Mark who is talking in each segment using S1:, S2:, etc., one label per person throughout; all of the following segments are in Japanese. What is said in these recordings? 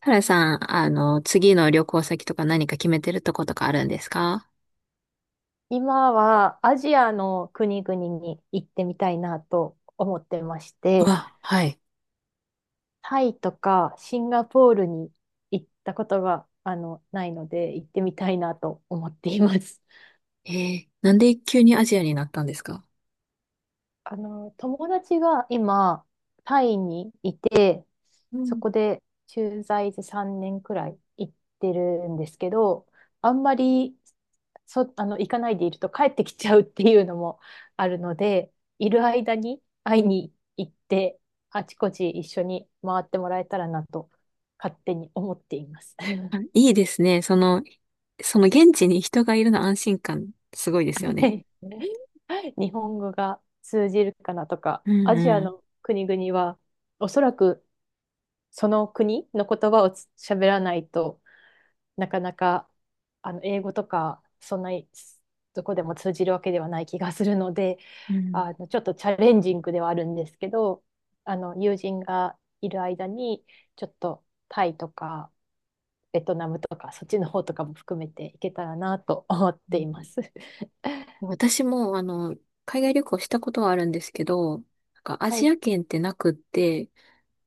S1: タラさん、次の旅行先とか何か決めてるとことかあるんですか？
S2: 今はアジアの国々に行ってみたいなと思ってまして、
S1: あ、はい。
S2: タイとかシンガポールに行ったことが、ないので行ってみたいなと思っています。
S1: なんで急にアジアになったんですか？
S2: 友達が今、タイにいて、
S1: う
S2: そ
S1: ん。
S2: こで駐在で3年くらい行ってるんですけど、あんまりそ、あの、行かないでいると帰ってきちゃうっていうのもあるので、いる間に会いに行って、あちこち一緒に回ってもらえたらなと勝手に思っています。
S1: あ、いいですね。その現地に人がいるの安心感、すごいですよ
S2: は
S1: ね。
S2: い。日本語が通じるかなとか、
S1: うん
S2: アジア
S1: うん。
S2: の国々はおそらくその国の言葉を喋らないと、なかなか英語とかそんなにどこでも通じるわけではない気がするので、
S1: うん
S2: ちょっとチャレンジングではあるんですけど、友人がいる間にちょっとタイとかベトナムとかそっちの方とかも含めていけたらなと 思っ
S1: う
S2: て
S1: ん。
S2: います。
S1: 私も、海外旅行したことはあるんですけど、なんかア
S2: は
S1: ジ
S2: い、
S1: ア圏ってなくって、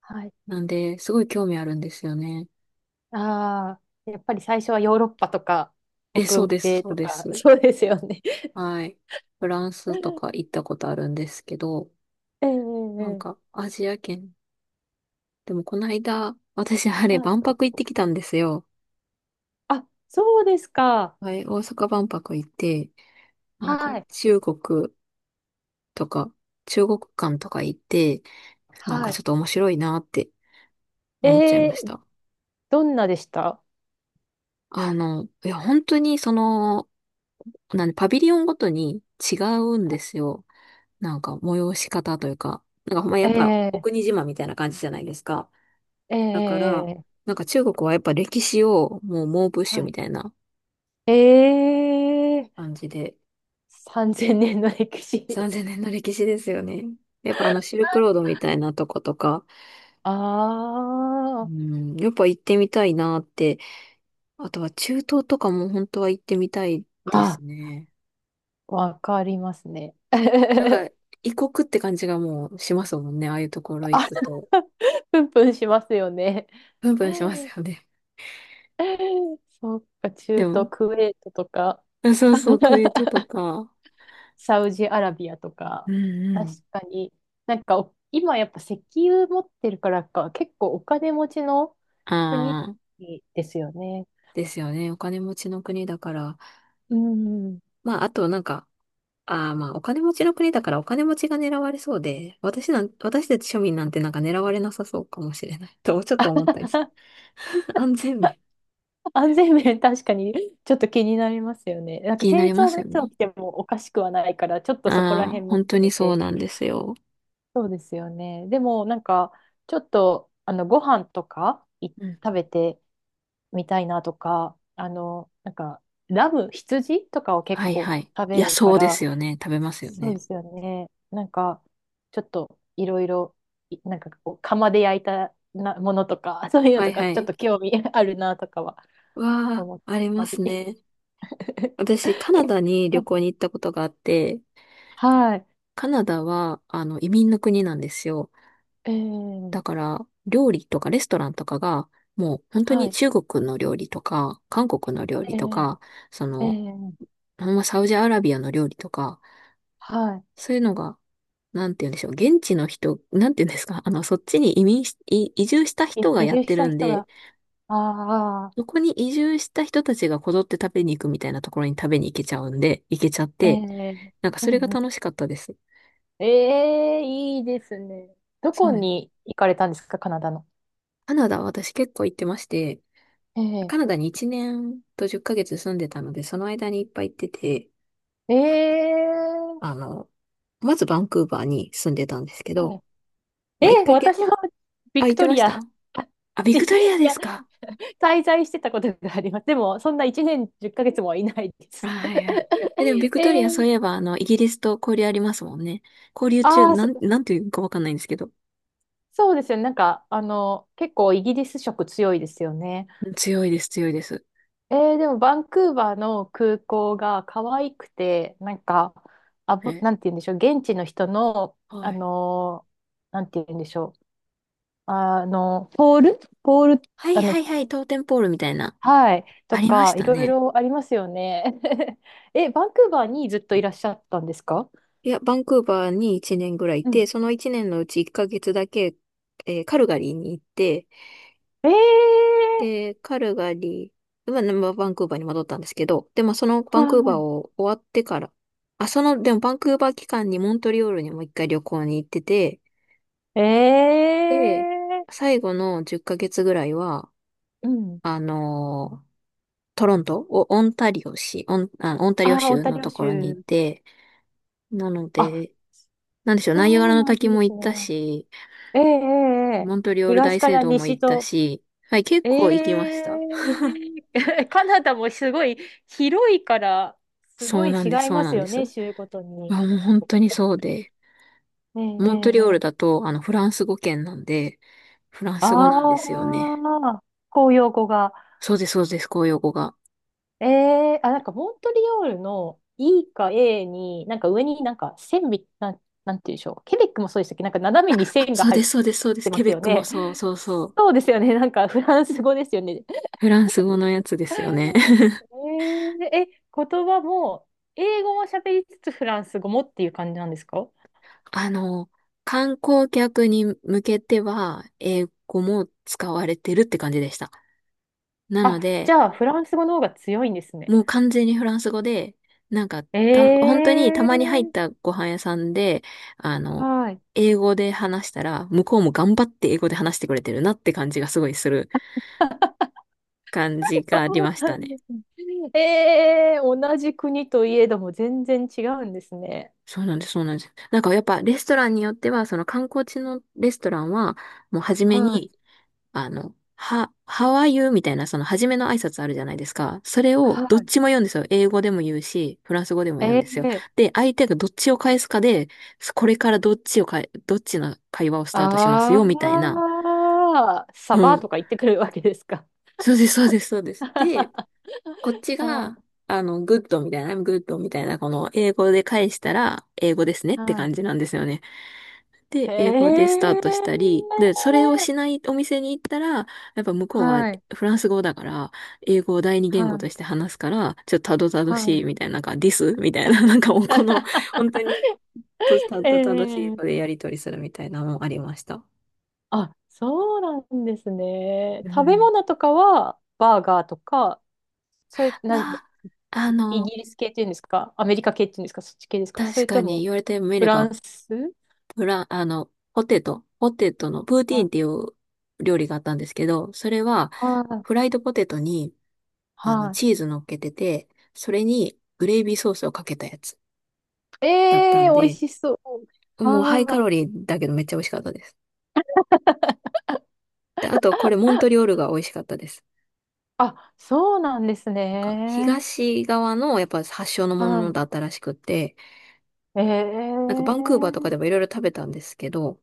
S2: はい。
S1: なんで、すごい興味あるんですよね。
S2: ああ、やっぱり最初はヨーロッパとか
S1: え、そ
S2: 北
S1: うです、
S2: 米
S1: そう
S2: と
S1: で
S2: か、
S1: す。
S2: そうですよね。
S1: はい。フランスとか 行ったことあるんですけど、
S2: ええええ
S1: なん
S2: え
S1: か、
S2: え。
S1: アジア圏。でも、この間、私、あ
S2: は
S1: れ、
S2: い。
S1: 万博行ってきたんですよ。
S2: あ、そうですか。
S1: はい、大阪万博行って、なんか、
S2: はい。
S1: 中国とか、中国館とか行って、なん
S2: は
S1: か
S2: い。
S1: ちょっと面白いなって思っちゃい
S2: え
S1: まし
S2: ー、
S1: た。
S2: どんなでした？
S1: いや、本当に、なんで、パビリオンごとに違うんですよ。なんか、催し方というか、なんか、ほんまやっぱ、お
S2: ええ
S1: 国自慢みたいな感じじゃないですか。
S2: えー
S1: だから、
S2: えー
S1: なんか中国はやっぱ歴史をもう猛プッシュ
S2: は
S1: み
S2: い。
S1: たいな
S2: えー、
S1: 感じで、
S2: 3000年の歴史。
S1: 3000年の歴史ですよね。やっぱあのシルクロードみたいなとことか、う
S2: あ。
S1: ん、やっぱ行ってみたいなって。あとは中東とかも本当は行ってみたいで
S2: あ
S1: す
S2: あ、
S1: ね。
S2: わかりますね。
S1: なんか 異国って感じがもうしますもんね。ああいうところ行
S2: あ、
S1: くと。
S2: プンプンしますよね。
S1: プンプンしますよね。
S2: そっか、中
S1: でも、
S2: 東クウェートとか。
S1: あそうそう、クウェート とか。
S2: サウジアラビアと
S1: う
S2: か、
S1: んう
S2: 確
S1: ん。
S2: かに、なんか今やっぱ石油持ってるからか、結構お金持ちの国
S1: ああ、
S2: ですよね。
S1: ですよね。お金持ちの国だから。
S2: うん。
S1: まあ、あとなんか、ああ、まあ、お金持ちの国だからお金持ちが狙われそうで、私なん、私たち庶民なんてなんか狙われなさそうかもしれない と、ちょっと思ったりする。安全面。
S2: 安全面確かにちょっと気になりますよね。なん
S1: 気
S2: か
S1: にな
S2: 戦
S1: りま
S2: 争
S1: す
S2: が
S1: よ
S2: いつ起
S1: ね。
S2: きてもおかしくはないから、ちょっと
S1: あ
S2: そこら
S1: あ、
S2: 辺も
S1: 本当
S2: 含
S1: に
S2: め
S1: そう
S2: て。
S1: なんですよ。
S2: そうですよね。でもなんかちょっとご飯とか
S1: うん
S2: 食
S1: うん。
S2: べてみたいなとか、なんかラム、羊とかを結
S1: はいは
S2: 構
S1: い。
S2: 食
S1: い
S2: べ
S1: や、
S2: るか
S1: そうで
S2: ら、
S1: すよね。食べますよ
S2: そう
S1: ね。
S2: ですよね。なんか、ちょっといろいろ、なんかこう、釜で焼いたなものとか、そういうの
S1: は
S2: と
S1: い
S2: か、
S1: は
S2: ちょっ
S1: い。
S2: と興味 あるなとかは
S1: わあ、
S2: 思っ
S1: ありま
S2: た
S1: す
S2: り。
S1: ね。私、カ ナ
S2: け
S1: ダに
S2: は
S1: 旅
S2: い。
S1: 行に行ったことがあって、
S2: はい。
S1: カナダは、移民の国なんですよ。
S2: えー、
S1: だから、料理とかレストランとかが、もう本当
S2: は
S1: に
S2: い。
S1: 中国の料理とか、韓国の料理
S2: え
S1: と
S2: ー、
S1: か、そ
S2: え
S1: の、
S2: ー、
S1: ほんまサウジアラビアの料理とか、
S2: は
S1: そういうのが、なんて言うんでしょう、現地の人、なんて言うんですか、そっちに移住した
S2: い。
S1: 人が
S2: 移
S1: やっ
S2: 住
S1: て
S2: し
S1: る
S2: た
S1: ん
S2: 人
S1: で、
S2: が、ああ、
S1: そこに移住した人たちがこぞって食べに行くみたいなところに食べに行けちゃうんで、行けちゃっ
S2: え
S1: て、
S2: ー、
S1: なんか
S2: う
S1: それ
S2: ん
S1: が
S2: うん。
S1: 楽しかったです。
S2: ええ、いいですね。ど
S1: そ
S2: こ
S1: うね。
S2: に行かれたんですか、カナダの？
S1: カナダ、私結構行ってまして、
S2: え
S1: カナ
S2: え
S1: ダに1年と10ヶ月住んでたので、その間にいっぱい行ってて、
S2: ええ、
S1: あの、まずバンクーバーに住んでたんですけ
S2: は
S1: ど、
S2: い。
S1: まあ、1
S2: え、
S1: ヶ月、
S2: 私はビ
S1: あ、
S2: ク
S1: 行って
S2: ト
S1: ま
S2: リ
S1: した。
S2: ア
S1: あ、ビ
S2: に、
S1: クトリア
S2: い
S1: で
S2: や、
S1: すか？
S2: 滞在してたことがあります。でも、そんな1年10ヶ月もいないで
S1: あ、
S2: す。
S1: はいはい。え、でもビ クトリ
S2: え
S1: アそう
S2: ー、
S1: いえば、イギリスと交流ありますもんね。交流中、
S2: ああ、
S1: なんていうかわかんないんですけど。
S2: そうですよね。なんか、結構イギリス色強いですよね。
S1: うん、強いです、強いです。
S2: えー、でも、バンクーバーの空港が可愛くて、なんか、
S1: え、
S2: なんて言うんでしょう。現地の人の、
S1: は
S2: あ
S1: い。
S2: のなんて言うんでしょう。ポールポール、
S1: はい
S2: あ
S1: は
S2: の、
S1: いはい、トーテンポールみたいな。
S2: はい。と
S1: ありまし
S2: か、い
S1: た
S2: ろい
S1: ね。
S2: ろありますよね。え、バンクーバーにずっといらっしゃったんですか？
S1: いや、バンクーバーに1年ぐらいい
S2: うん。
S1: て、その1年のうち1ヶ月だけ、カルガリーに行って、
S2: ええ
S1: で、カルガリー、まあバンクーバーに戻ったんですけど、で、まあ、その
S2: ー、
S1: バンクーバー
S2: は
S1: を終わってから、あ、でもバンクーバー期間にモントリオールにも一回旅行に行ってて、
S2: い。
S1: で、
S2: ええ
S1: 最後の10ヶ月ぐらいは、
S2: ー、うん。
S1: あのートロント、おオンタリオ市、オン、あ、オンタリオ
S2: ああ、オン
S1: 州
S2: タ
S1: の
S2: リオ
S1: ところにい
S2: 州。
S1: て、なの
S2: あ、
S1: で、なんでしょう、ナイアガ
S2: そ
S1: ラ
S2: う
S1: の
S2: なん
S1: 滝
S2: で
S1: も
S2: す
S1: 行った
S2: ね。
S1: し、
S2: ええええええ、
S1: モントリオール
S2: 東
S1: 大
S2: か
S1: 聖
S2: ら
S1: 堂も
S2: 西
S1: 行った
S2: と。
S1: し、はい、結
S2: え
S1: 構行きまし
S2: え
S1: た。
S2: カナダもすごい広いから、すご
S1: そう
S2: い
S1: なん
S2: 違
S1: です、
S2: い
S1: そう
S2: ま
S1: な
S2: す
S1: んで
S2: よね、
S1: す。
S2: 州ごとに。
S1: あ、もう本当にそうで。
S2: ええ
S1: モント
S2: え
S1: リオールだ
S2: ええ、
S1: と、フランス語圏なんで、フランス語なんです
S2: あ
S1: よね。
S2: あ、公用語が。
S1: そうです、そうです、公用語が。
S2: ええ、あ、なんかモントリオールの E か A に、なんか上になんか線み、なん、なんていうんでしょう。ケベックもそうでしたっけ？なんか斜めに
S1: あ、
S2: 線が
S1: そう
S2: 入
S1: で
S2: っ
S1: す、そうです、そうです。
S2: てま
S1: ケ
S2: す
S1: ベッ
S2: よ
S1: クも
S2: ね。
S1: そう、そうそう。
S2: そうですよね。なんかフランス語ですよね。
S1: フランス語のやつですよね。
S2: えええ、言葉も、英語も喋りつつフランス語もっていう感じなんですか？
S1: あの、観光客に向けては、英語も使われてるって感じでした。な
S2: あ、
S1: の
S2: じ
S1: で、
S2: ゃあフランス語の方が強いんですね。
S1: もう完全にフランス語で、なんか、本
S2: え
S1: 当にたまに入っ
S2: え、
S1: たご飯屋さんで、あの、
S2: はい。
S1: 英語で話したら、向こうも頑張って英語で話してくれてるなって感じがすごいする感じが
S2: そ
S1: あり
S2: う
S1: まし
S2: な
S1: た
S2: ん
S1: ね。
S2: ですね。ええ、同じ国といえども全然違うんですね。
S1: そうなんです、そうなんです。なんかやっぱレストランによっては、その観光地のレストランは、もう初め
S2: は
S1: に、
S2: い。
S1: How are you? みたいな、その初めの挨拶あるじゃないですか。それを
S2: は
S1: どっ
S2: い。
S1: ちも言うんですよ。英語でも言うし、フランス語でも言うん
S2: え
S1: ですよ。
S2: え、
S1: で、相手がどっちを返すかで、これからどっちの会話をスタートします
S2: あ
S1: よ、みたいな。
S2: あー、サ
S1: う
S2: バ
S1: ん。
S2: とか行ってくるわけですか？
S1: そうです、そうです、そうです。で、こっ ち
S2: は
S1: が、
S2: い。
S1: グッドみたいな、I'm good みたいな、この英語で返したら、英語ですねって
S2: は
S1: 感
S2: い。
S1: じなんですよね。で、
S2: え
S1: 英語でスタートしたり、
S2: え、
S1: で、それをしないお店に行ったら、やっぱ向こうは
S2: はい。
S1: フランス語だから、英語を第二
S2: は
S1: 言語と
S2: い。
S1: して話すから、ちょっとたどたど
S2: は
S1: しい
S2: い。
S1: みたいな、なんか、this みたいな、なんかもうこの、本当に、とたどたどしい英
S2: え
S1: 語
S2: え、
S1: でやり取りするみたいなのもありました。
S2: あ、そうなんですね。
S1: う
S2: 食べ
S1: ん。
S2: 物とかは、バーガーとか、それ、な、
S1: は、あ
S2: イギ
S1: の、
S2: リス系っていうんですか、アメリカ系っていうんですか、そっち系ですか、そ
S1: 確
S2: れ
S1: か
S2: と
S1: に
S2: も
S1: 言われてみ
S2: フ
S1: れ
S2: ラ
S1: ば、
S2: ンス、
S1: フラン、あの、ポテトのプーティーン
S2: あ、
S1: っていう料理があったんですけど、それは
S2: は
S1: フラ
S2: い、
S1: イドポテトにあの
S2: は
S1: チーズ乗っけてて、それにグレイビーソースをかけたやつ
S2: い。
S1: だった
S2: え
S1: ん
S2: えー、美味
S1: で、
S2: しそう。
S1: もうハイ
S2: あ
S1: カロリーだけどめっちゃ美味しかったです。で、あとこれモントリオールが美味しかったです。
S2: あ、あ、そうなんです
S1: なんか
S2: ね。
S1: 東側のやっぱ発祥のもの
S2: は
S1: だったらしくって、
S2: い。ええ
S1: なんかバンクーバーとか
S2: ー、
S1: でもいろいろ食べたんですけど、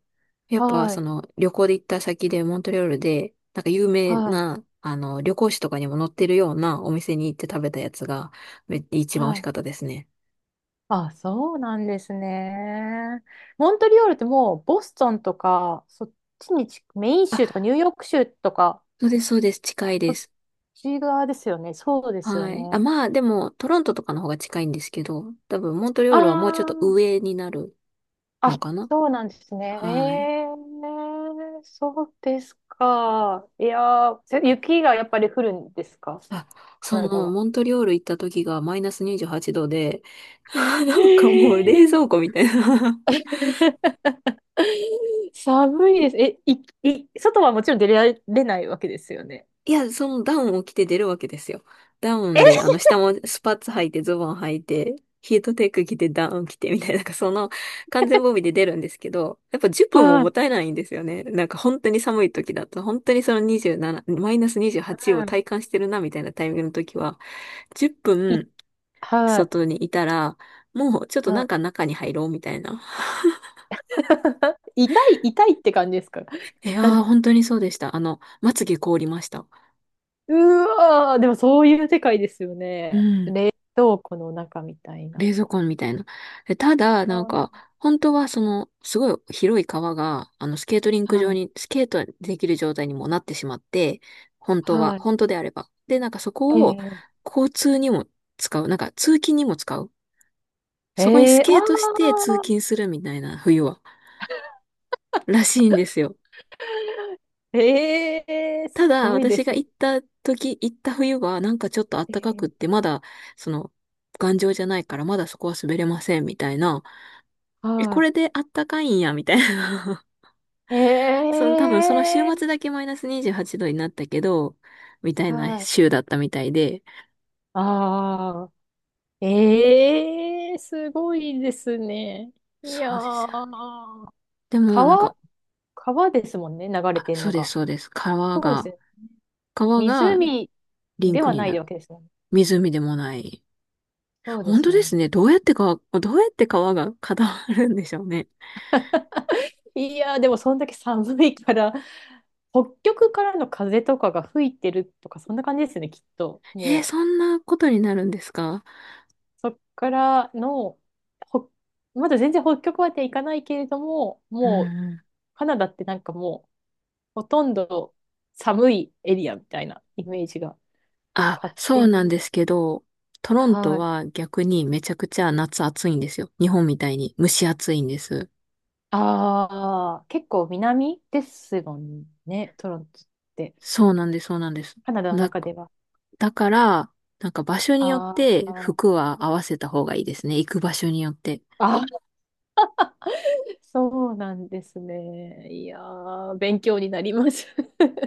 S1: やっぱ
S2: は
S1: そ
S2: い、
S1: の旅行で行った先でモントリオールで、なんか有名
S2: はい、
S1: な、旅行誌とかにも載ってるようなお店に行って食べたやつが、一番美味し
S2: はい。
S1: かったですね。
S2: あ、そうなんですね。モントリオールってもう、ボストンとか、そっちにち、メイン
S1: あ、
S2: 州とかニューヨーク州とか、
S1: そうです、そうです。近い
S2: そ
S1: で
S2: っ
S1: す。
S2: ち側ですよね。そうですよ
S1: はい。あ、
S2: ね。
S1: まあ、でも、トロントとかの方が近いんですけど、多分、モントリオ
S2: あ
S1: ールはもうちょっと
S2: あ、
S1: 上になる
S2: あ、
S1: のかな？
S2: そうなんですね。
S1: はい。
S2: えー、そうですか。いやー、雪がやっぱり降るんですか、
S1: あ、
S2: カナダは？
S1: モントリオール行った時がマイナス28度で、
S2: え
S1: なんかもう冷
S2: ー
S1: 蔵庫みたいな。
S2: 寒いです。え、外はもちろん出られないわけですよね。
S1: いや、そのダウンを着て出るわけですよ。ダウンで、
S2: え、
S1: 下もスパッツ履いて、ズボン履いて、ヒートテック着て、ダウン着て、みたいな、なんかその完全防備で出るんですけど、やっぱ10分も
S2: は
S1: もっ
S2: い、
S1: たいないんですよね。なんか本当に寒い時だと、本当にその27、マイナス28を
S2: は
S1: 体感してるな、みたいなタイミングの時は、10
S2: い、
S1: 分
S2: はい、
S1: 外にいたら、もうちょっと
S2: は
S1: なん
S2: い。
S1: か中に入ろう、みたいな。
S2: 痛い、痛いって感じですか？
S1: いや
S2: なん
S1: ー、本当にそうでした。まつげ凍りました。
S2: うわー、でもそういう世界ですよ
S1: う
S2: ね。
S1: ん。
S2: どうこの中みたいな。
S1: 冷蔵庫みたいな。でただ、
S2: あ
S1: なん
S2: ー、
S1: か、本当はすごい広い川が、スケートリンク上
S2: はい、
S1: に、スケートできる状態にもなってしまって、本当は、
S2: はい。
S1: 本当であれば。で、なんかそこを、
S2: ええ
S1: 交通にも使う。なんか、通勤にも使う。そこにス
S2: ええ、
S1: ケートして
S2: ああ
S1: 通勤するみたいな、冬は。らしいんですよ。
S2: ー、ええ、
S1: た
S2: す
S1: だ、
S2: ごいで
S1: 私
S2: す
S1: が行った時、行った冬は、なんかちょっと暖かくっ
S2: ね。
S1: て、まだ、その、頑丈じゃないから、まだそこは滑れません、みたいな。え、こ
S2: は
S1: れで暖かいんや、みたいな。
S2: い。え
S1: 多分その週末だ
S2: え、
S1: けマイナス28度になったけど、みたいな
S2: はい。
S1: 週だったみたいで、
S2: ああ、ええ、すごいですね。い
S1: そ
S2: や
S1: うですよね。
S2: ー、
S1: でもなん
S2: 川、
S1: か、
S2: 川ですもんね、流れ
S1: あ、
S2: てん
S1: そう
S2: の
S1: です、
S2: が。
S1: そうです。川
S2: そうです
S1: が、
S2: ね。
S1: 川が
S2: 湖
S1: リン
S2: で
S1: ク
S2: は
S1: に
S2: な
S1: な
S2: い
S1: る。
S2: わけですもんね。
S1: 湖でもない。
S2: そうで
S1: 本
S2: す
S1: 当
S2: も
S1: で
S2: んね。
S1: すね。どうやって川、どうやって川が固まるんでしょうね。
S2: いやー、でもそんだけ寒いから、北極からの風とかが吹いてるとか、そんな感じですね、きっと。も
S1: そ
S2: う。
S1: んなことになるんですか？
S2: そっからの、ほ、まだ全然北極まで行かないけれども、
S1: うん
S2: もう
S1: うん。
S2: カナダってなんかもうほとんど寒いエリアみたいなイメージが
S1: あ、
S2: 勝
S1: そ
S2: 手
S1: うなん
S2: に。
S1: ですけど、トロント
S2: はい。
S1: は逆にめちゃくちゃ夏暑いんですよ。日本みたいに蒸し暑いんです。
S2: ああ、結構南ですもんね、トロントって。
S1: そうなんです、そうなんです。
S2: カナダの
S1: だ
S2: 中では。
S1: だから、なんか場所によっ
S2: あ
S1: て
S2: あ、
S1: 服は合わせた方がいいですね。行く場所によって。
S2: あー、そうなんですね。いやー、勉強になります。